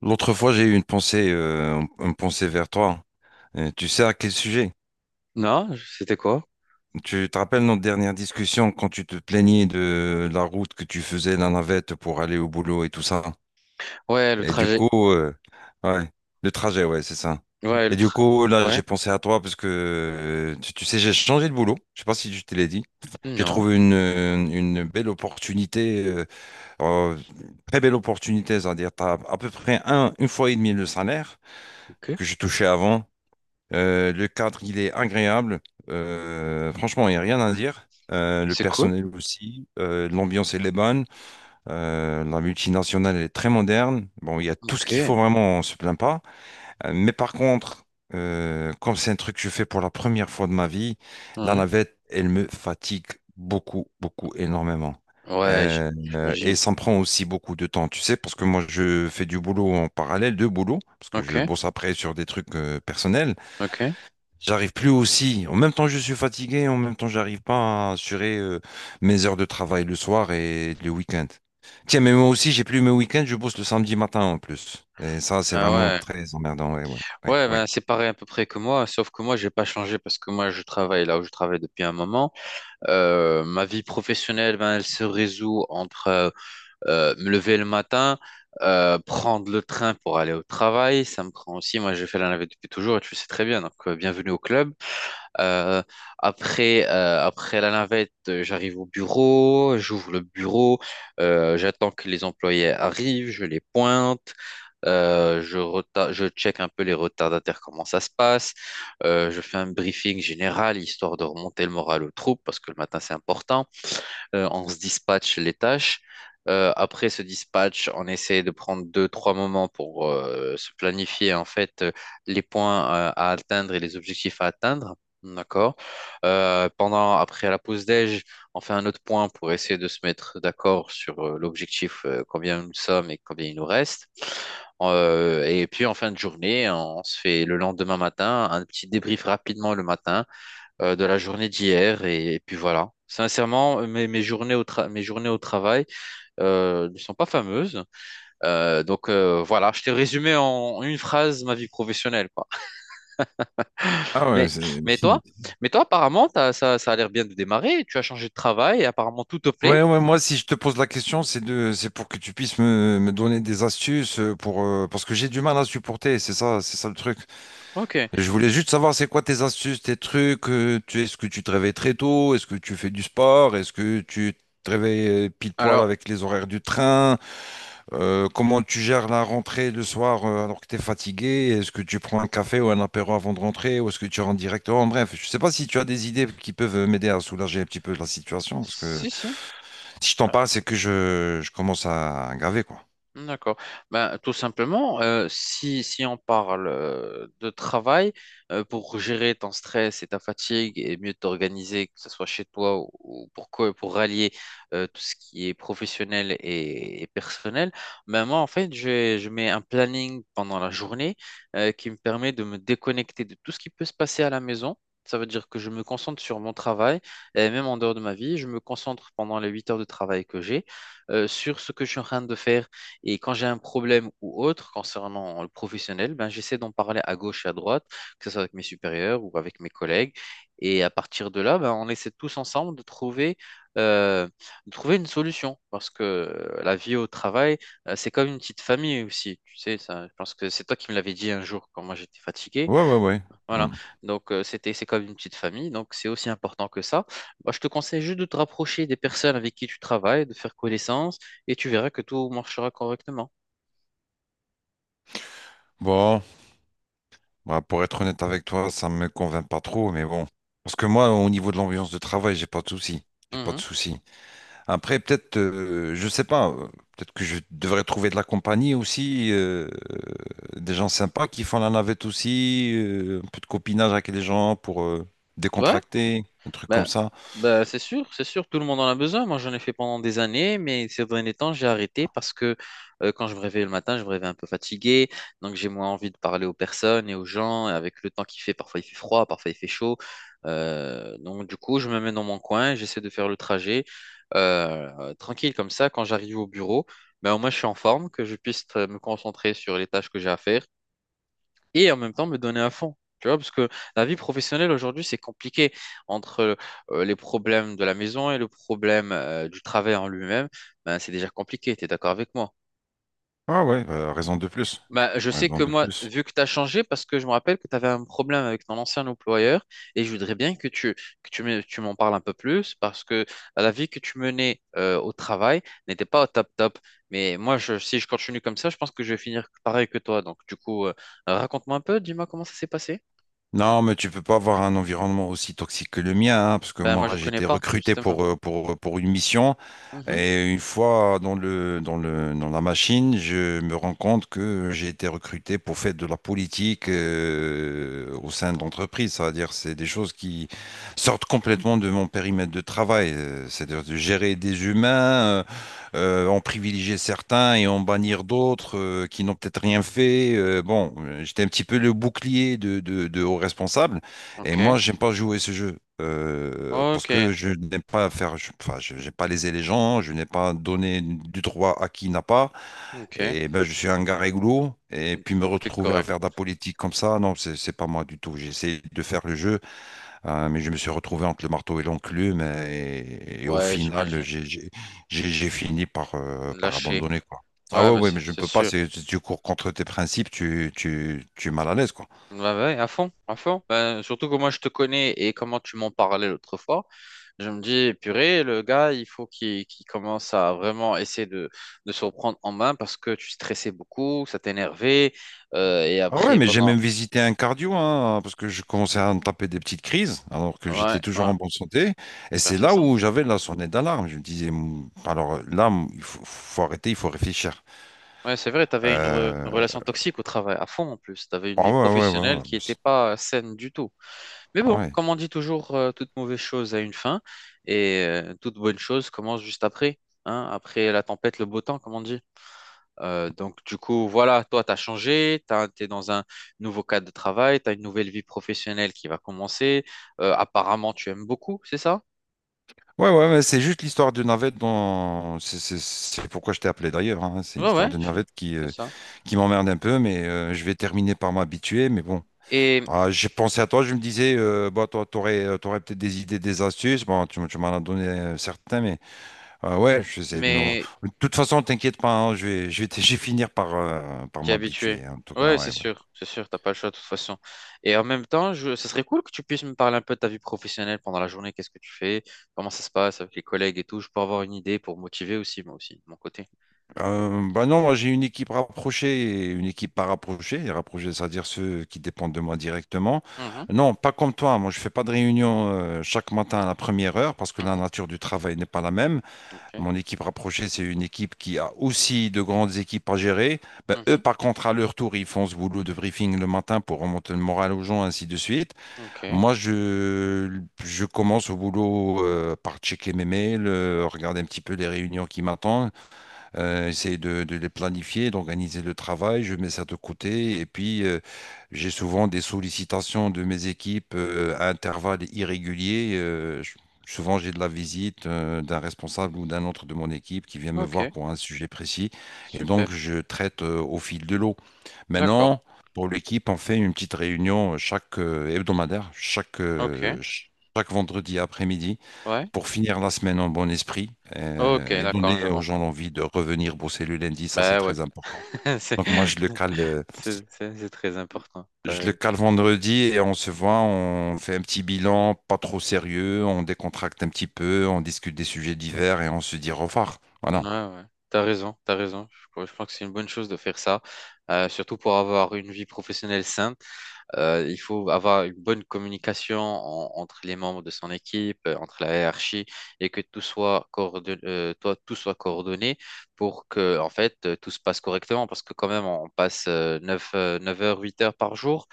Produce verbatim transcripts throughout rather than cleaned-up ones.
L'autre fois, j'ai eu une pensée, euh, une pensée vers toi. Euh, tu sais à quel sujet? Non, je- c'était quoi? Tu te rappelles notre dernière discussion quand tu te plaignais de la route que tu faisais, la navette pour aller au boulot et tout ça. Ouais, le Et du trajet. coup, euh, ouais, le trajet, ouais, c'est ça. Ouais, le Et du tra... coup, là, Ouais. j'ai pensé à toi parce que, euh, tu, tu sais, j'ai changé de boulot. Je sais pas si je te l'ai dit. J'ai Non, trouvé une, euh, une belle opportunité, euh, euh, très belle opportunité, c'est-à-dire, t'as à peu près un, une fois et demie le salaire ok. que je touchais avant. Euh, le cadre, il est agréable. Euh, franchement, il n'y a rien à dire. Euh, le C'est cool. personnel aussi. Euh, l'ambiance, elle est bonne. Euh, la multinationale, elle est très moderne. Bon, il y a tout ce Ok. qu'il faut vraiment, on se plaint pas. Euh, mais par contre, euh, comme c'est un truc que je fais pour la première fois de ma vie, la Ouais. navette, elle me fatigue beaucoup, beaucoup, énormément. Ouais, j- Euh, euh, et J'imagine. ça me prend aussi beaucoup de temps, tu sais, parce que moi je fais du boulot en parallèle, deux boulots, parce que Ok, je bosse après sur des trucs euh, personnels. ok. J'arrive plus aussi. En même temps, je suis fatigué. En même temps, j'arrive pas à assurer euh, mes heures de travail le soir et le week-end. Tiens, mais moi aussi, j'ai plus mes week-ends. Je bosse le samedi matin en plus. Et ça, c'est Ah vraiment ouais. très emmerdant. Ouais, ouais, ouais, Ouais, ben ouais. c'est pareil à peu près que moi, sauf que moi, j'ai pas changé parce que moi, je travaille là où je travaille depuis un moment. Euh, ma vie professionnelle, ben, elle se résout entre euh, euh, me lever le matin, euh, prendre le train pour aller au travail. Ça me prend aussi, moi, j'ai fait la navette depuis toujours et tu le sais très bien, donc euh, bienvenue au club. Euh, après, euh, après la navette, euh, j'arrive au bureau, j'ouvre le bureau, euh, j'attends que les employés arrivent, je les pointe. Euh, je, reta- je check un peu les retardataires, comment ça se passe. Euh, je fais un briefing général, histoire de remonter le moral aux troupes, parce que le matin, c'est important. Euh, on se dispatche les tâches. Euh, après ce dispatch, on essaie de prendre deux, trois moments pour euh, se planifier en fait euh, les points euh, à atteindre et les objectifs à atteindre. D'accord. Euh, pendant, après la pause déj, on fait un autre point pour essayer de se mettre d'accord sur euh, l'objectif, euh, combien nous sommes et combien il nous reste. Euh, et puis en fin de journée, on se fait le lendemain matin un petit débrief rapidement le matin euh, de la journée d'hier et, et puis voilà. Sincèrement, euh, mes, mes journées au tra- mes journées au travail euh, ne sont pas fameuses. Euh, donc euh, voilà, je t'ai résumé en une phrase ma vie professionnelle, quoi. Ah ouais, Mais, c'est... mais toi, mais toi, apparemment, t'as- ça, ça a l'air bien de démarrer. Tu as changé de travail et apparemment tout te plaît. Ouais, ouais, moi, si je te pose la question, c'est de, c'est pour que tu puisses me, me donner des astuces euh, pour, euh, parce que j'ai du mal à supporter. C'est ça, c'est ça le truc. Ok. Je voulais juste savoir c'est quoi tes astuces, tes trucs. Euh, tu, est-ce que tu te réveilles très tôt? Est-ce que tu fais du sport? Est-ce que tu te réveilles euh, pile poil Alors, avec les horaires du train? Euh, comment tu gères la rentrée le soir euh, alors que tu es fatigué? Est-ce que tu prends un café ou un apéro avant de rentrer? Ou est-ce que tu rentres directement? Bref, je ne sais pas si tu as des idées qui peuvent m'aider à soulager un petit peu la situation. Parce que si, si. si je t'en parle, c'est que je, je commence à graver, quoi. D'accord. Ben, tout simplement, euh, si, si on parle euh, de travail, euh, pour gérer ton stress et ta fatigue et mieux t'organiser, que ce soit chez toi ou ou pour, co- pour rallier euh, tout ce qui est professionnel et, et personnel, ben moi, en fait, je, je mets un planning pendant la journée euh, qui me permet de me déconnecter de tout ce qui peut se passer à la maison. Ça veut dire que je me concentre sur mon travail, et même en dehors de ma vie, je me concentre pendant les huit heures de travail que j'ai euh, sur ce que je suis en train de faire, et quand j'ai un problème ou autre concernant le professionnel, ben, j'essaie d'en parler à gauche et à droite, que ce soit avec mes supérieurs ou avec mes collègues. Et à partir de là, ben, on essaie tous ensemble de trouver, euh, de trouver une solution. Parce que euh, la vie au travail, euh, c'est comme une petite famille aussi. Tu sais, ça, je pense que c'est toi qui me l'avais dit un jour quand moi j'étais fatigué. Ouais, ouais, ouais. Voilà. Mm. Donc, euh, c'était, c'est comme une petite famille. Donc, c'est aussi important que ça. Moi, je te conseille juste de te rapprocher des personnes avec qui tu travailles, de faire connaissance, et tu verras que tout marchera correctement. Bon. Bah, pour être honnête avec toi, ça me convainc pas trop, mais bon. Parce que moi, au niveau de l'ambiance de travail, j'ai pas de souci. J'ai pas de Mhm. souci. Après, peut-être, euh, je sais pas, euh, peut-être que je devrais trouver de la compagnie aussi, euh, des gens sympas qui font la navette aussi, euh, un peu de copinage avec les gens pour euh, Ouais, décontracter, un truc comme bah, ça. bah, c'est sûr, c'est sûr, tout le monde en a besoin. Moi, j'en ai fait pendant des années, mais ces derniers temps, j'ai arrêté parce que euh, quand je me réveille le matin, je me réveille un peu fatigué, donc j'ai moins envie de parler aux personnes et aux gens. Et avec le temps qu'il fait, parfois il fait froid, parfois il fait chaud. Euh, donc, du coup, je me mets dans mon coin, j'essaie de faire le trajet euh, euh, tranquille comme ça. Quand j'arrive au bureau, ben, au moins, je suis en forme, que je puisse euh, me concentrer sur les tâches que j'ai à faire, et en même temps me donner à fond. Tu vois, parce que la vie professionnelle aujourd'hui, c'est compliqué entre euh, les problèmes de la maison et le problème euh, du travail en lui-même. Ben, c'est déjà compliqué, tu es d'accord avec moi? Ah ouais, euh, raison de plus. Ben, je sais Raison que de moi, plus. vu que tu as changé, parce que je me rappelle que tu avais un problème avec ton ancien employeur, et je voudrais bien que tu, que tu me- tu m'en parles un peu plus, parce que la vie que tu menais euh, au travail n'était pas au top top. Mais moi, je, si je continue comme ça, je pense que je vais finir pareil que toi. Donc, du coup, euh, raconte-moi un peu, dis-moi comment ça s'est passé. Non, mais tu peux pas avoir un environnement aussi toxique que le mien, hein, parce que Ben, moi, moi je connais j'étais pas, recruté justement. pour, euh, pour, euh, pour une mission Mhm. et une fois dans le, dans le, dans la machine, je me rends compte que j'ai été recruté pour faire de la politique euh, au sein de l'entreprise. C'est-à-dire c'est des choses qui sortent complètement de mon périmètre de travail. euh, C'est-à-dire de gérer des humains, euh, euh, en privilégier certains et en bannir d'autres euh, qui n'ont peut-être rien fait. Euh, bon, j'étais un petit peu le bouclier de, de, de aux responsables. Et Ok. moi, j'aime pas jouer ce jeu. Euh, parce Ok. que je n'aime pas faire, je- enfin, je n'ai pas lésé les gens, je n'ai pas donné du droit à qui n'a pas, Ok. et ben je suis un gars réglo, et puis me Donc, t'es retrouver à correct. faire de la politique comme ça, non, c'est c'est pas moi du tout. J'essaie de faire le jeu euh, mais je me suis retrouvé entre le marteau et l'enclume et, et au Ouais, final, j'imagine. j'ai j'ai- j'ai- j'ai fini par, euh, par Lâcher. abandonner, quoi. Ah Ouais, ouais, ben, ouais, c'est mais je ne c'est peux pas, sûr. c'est- si tu cours contre tes principes, tu, tu, tu es mal à l'aise, quoi. Ouais, ouais, à fond, à fond. Ben, surtout que moi, je te connais et comment tu m'en parlais l'autre fois. Je me dis, purée, le gars, il faut qu'il qu'il commence à vraiment essayer de, de se reprendre en main parce que tu stressais beaucoup, ça t'énervait. Euh, et Ah ouais, après, mais j'ai pendant. même visité un cardio, hein, parce que je commençais à me taper des petites crises, alors que Ouais, j'étais toujours ouais. en bonne santé. Et Ben, c'est c'est là ça. où j'avais la sonnette d'alarme. Je me disais, Mou, alors là, mou, il faut, faut arrêter, il faut réfléchir. Ouais, c'est vrai, tu avais une, re- une Euh, relation toxique au travail, à fond en plus. Tu avais une Ah vie ouais, ouais, ouais, professionnelle ouais. qui mais n'était c'est- pas euh, saine du tout. Mais Ah bon, ouais. comme on dit toujours, euh, toute mauvaise chose a une fin et euh, toute bonne chose commence juste après. Hein, après la tempête, le beau temps, comme on dit. Euh, donc, du coup, voilà, toi, tu as changé, tu es dans un nouveau cadre de travail, tu as une nouvelle vie professionnelle qui va commencer. Euh, apparemment, tu aimes beaucoup, c'est ça? Ouais, ouais, mais c'est juste l'histoire de navette dont... C'est c'est- c'est pourquoi je t'ai appelé d'ailleurs, hein. C'est Ouais, l'histoire ouais, de je- navette qui, c'est euh, ça. qui m'emmerde un peu, mais euh, je vais terminer par m'habituer. Mais bon, Et, ah, j'ai pensé à toi, je me disais, euh, bah, toi, t'aurais, euh, t'aurais peut-être des idées, des astuces. Bon, tu, m- tu m'en as donné euh, certains, mais euh, ouais, je sais. de m'en- mais De toute façon, t'inquiète pas, hein, je vais, je vais, t- je vais finir par, euh, par t'es habitué. m'habituer, hein. En tout cas, Ouais, c'est ouais, ouais. sûr, c'est sûr, t'as pas le choix de toute façon. Et en même temps, je... ça serait cool que tu puisses me parler un peu de ta vie professionnelle pendant la journée. Qu'est-ce que tu fais? Comment ça se passe avec les collègues et tout? Je peux avoir une idée pour motiver aussi, moi aussi, de mon côté. Euh, bah non, moi j'ai une équipe rapprochée et une équipe pas rapprochée. Et rapprochée, c'est-à-dire ceux qui dépendent de moi directement. Mhm, Non, pas comme toi. Moi, je fais pas de réunion euh, chaque matin à la première heure parce que la mhm, nature du travail n'est pas la même. ok, Mon équipe rapprochée, c'est une équipe qui a aussi de grandes équipes à gérer. Bah, eux, mhm, par contre, à leur tour, ils font ce boulot de briefing le matin pour remonter le moral aux gens, ainsi de suite. ok, Moi, je, je commence au boulot euh, par checker mes mails, euh, regarder un petit peu les réunions qui m'attendent euh, essayer de, de les planifier, d'organiser le travail, je mets ça de côté. Et puis, euh, j'ai souvent des sollicitations de mes équipes euh, à intervalles irréguliers. Euh, je- souvent, j'ai de la visite euh, d'un responsable ou d'un autre de mon équipe qui vient me voir ok, pour un sujet précis. Et super, donc, je traite euh, au fil de l'eau. d'accord, Maintenant, pour l'équipe, on fait une petite réunion chaque euh, hebdomadaire, chaque, euh, ok, ch- chaque vendredi après-midi ouais, pour finir la semaine en bon esprit ok, euh, et d'accord, je donner aux vois. gens l'envie de revenir bosser le lundi, ça c'est Bah ouais, très important. c'est Donc moi je le cale, euh, c'est- c'est- c'est très important. je T'as... le cale vendredi et on se voit, on fait un petit bilan, pas trop sérieux, on décontracte un petit peu, on discute des sujets divers et on se dit au revoir. Ouais, Voilà. ouais. T'as raison, t'as raison. Je, crois je pense que c'est une bonne chose de faire ça, euh, surtout pour avoir une vie professionnelle saine. Euh, il faut avoir une bonne communication en- entre les membres de son équipe, euh, entre la hiérarchie, et que tout soit coordonné, euh, toi, tout soit coordonné pour que, en fait, euh, tout se passe correctement. Parce que quand même, on passe euh, neuf heures, huit heures par jour.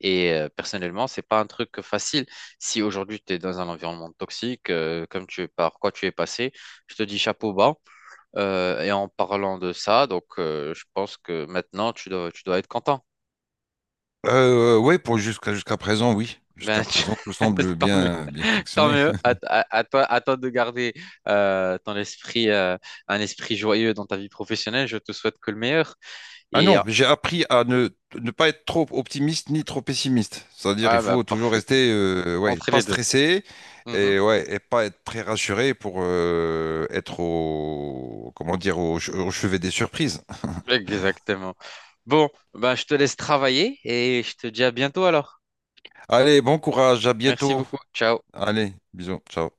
Et euh, personnellement, c'est pas un truc facile. Si aujourd'hui tu es dans un environnement toxique, euh, comme tu par quoi tu es passé, je te dis chapeau bas. Euh, et en parlant de ça, donc euh, je pense que maintenant tu dois, tu dois être content. Euh, oui, pour jusqu'à jusqu'à présent, oui. Jusqu'à Ben, tu- présent, tout semble tant mieux. bien bien Tant fonctionner. mieux, à, à- à toi, à toi de garder euh, ton esprit, euh, un esprit joyeux dans ta vie professionnelle. Je te souhaite que le meilleur. Ah Et euh, non, j'ai appris à ne, ne pas être trop optimiste ni trop pessimiste. C'est-à-dire, il ah bah faut toujours parfait, rester, euh, ouais, entre pas les deux. stressé Mhm. et ouais, et pas être très rassuré pour euh, être au, comment dire, au, che- au chevet des surprises. Exactement. Bon, bah, je te laisse travailler et je te dis à bientôt alors. Allez, bon courage, à Merci bientôt. beaucoup. Ciao. Allez, bisous, ciao.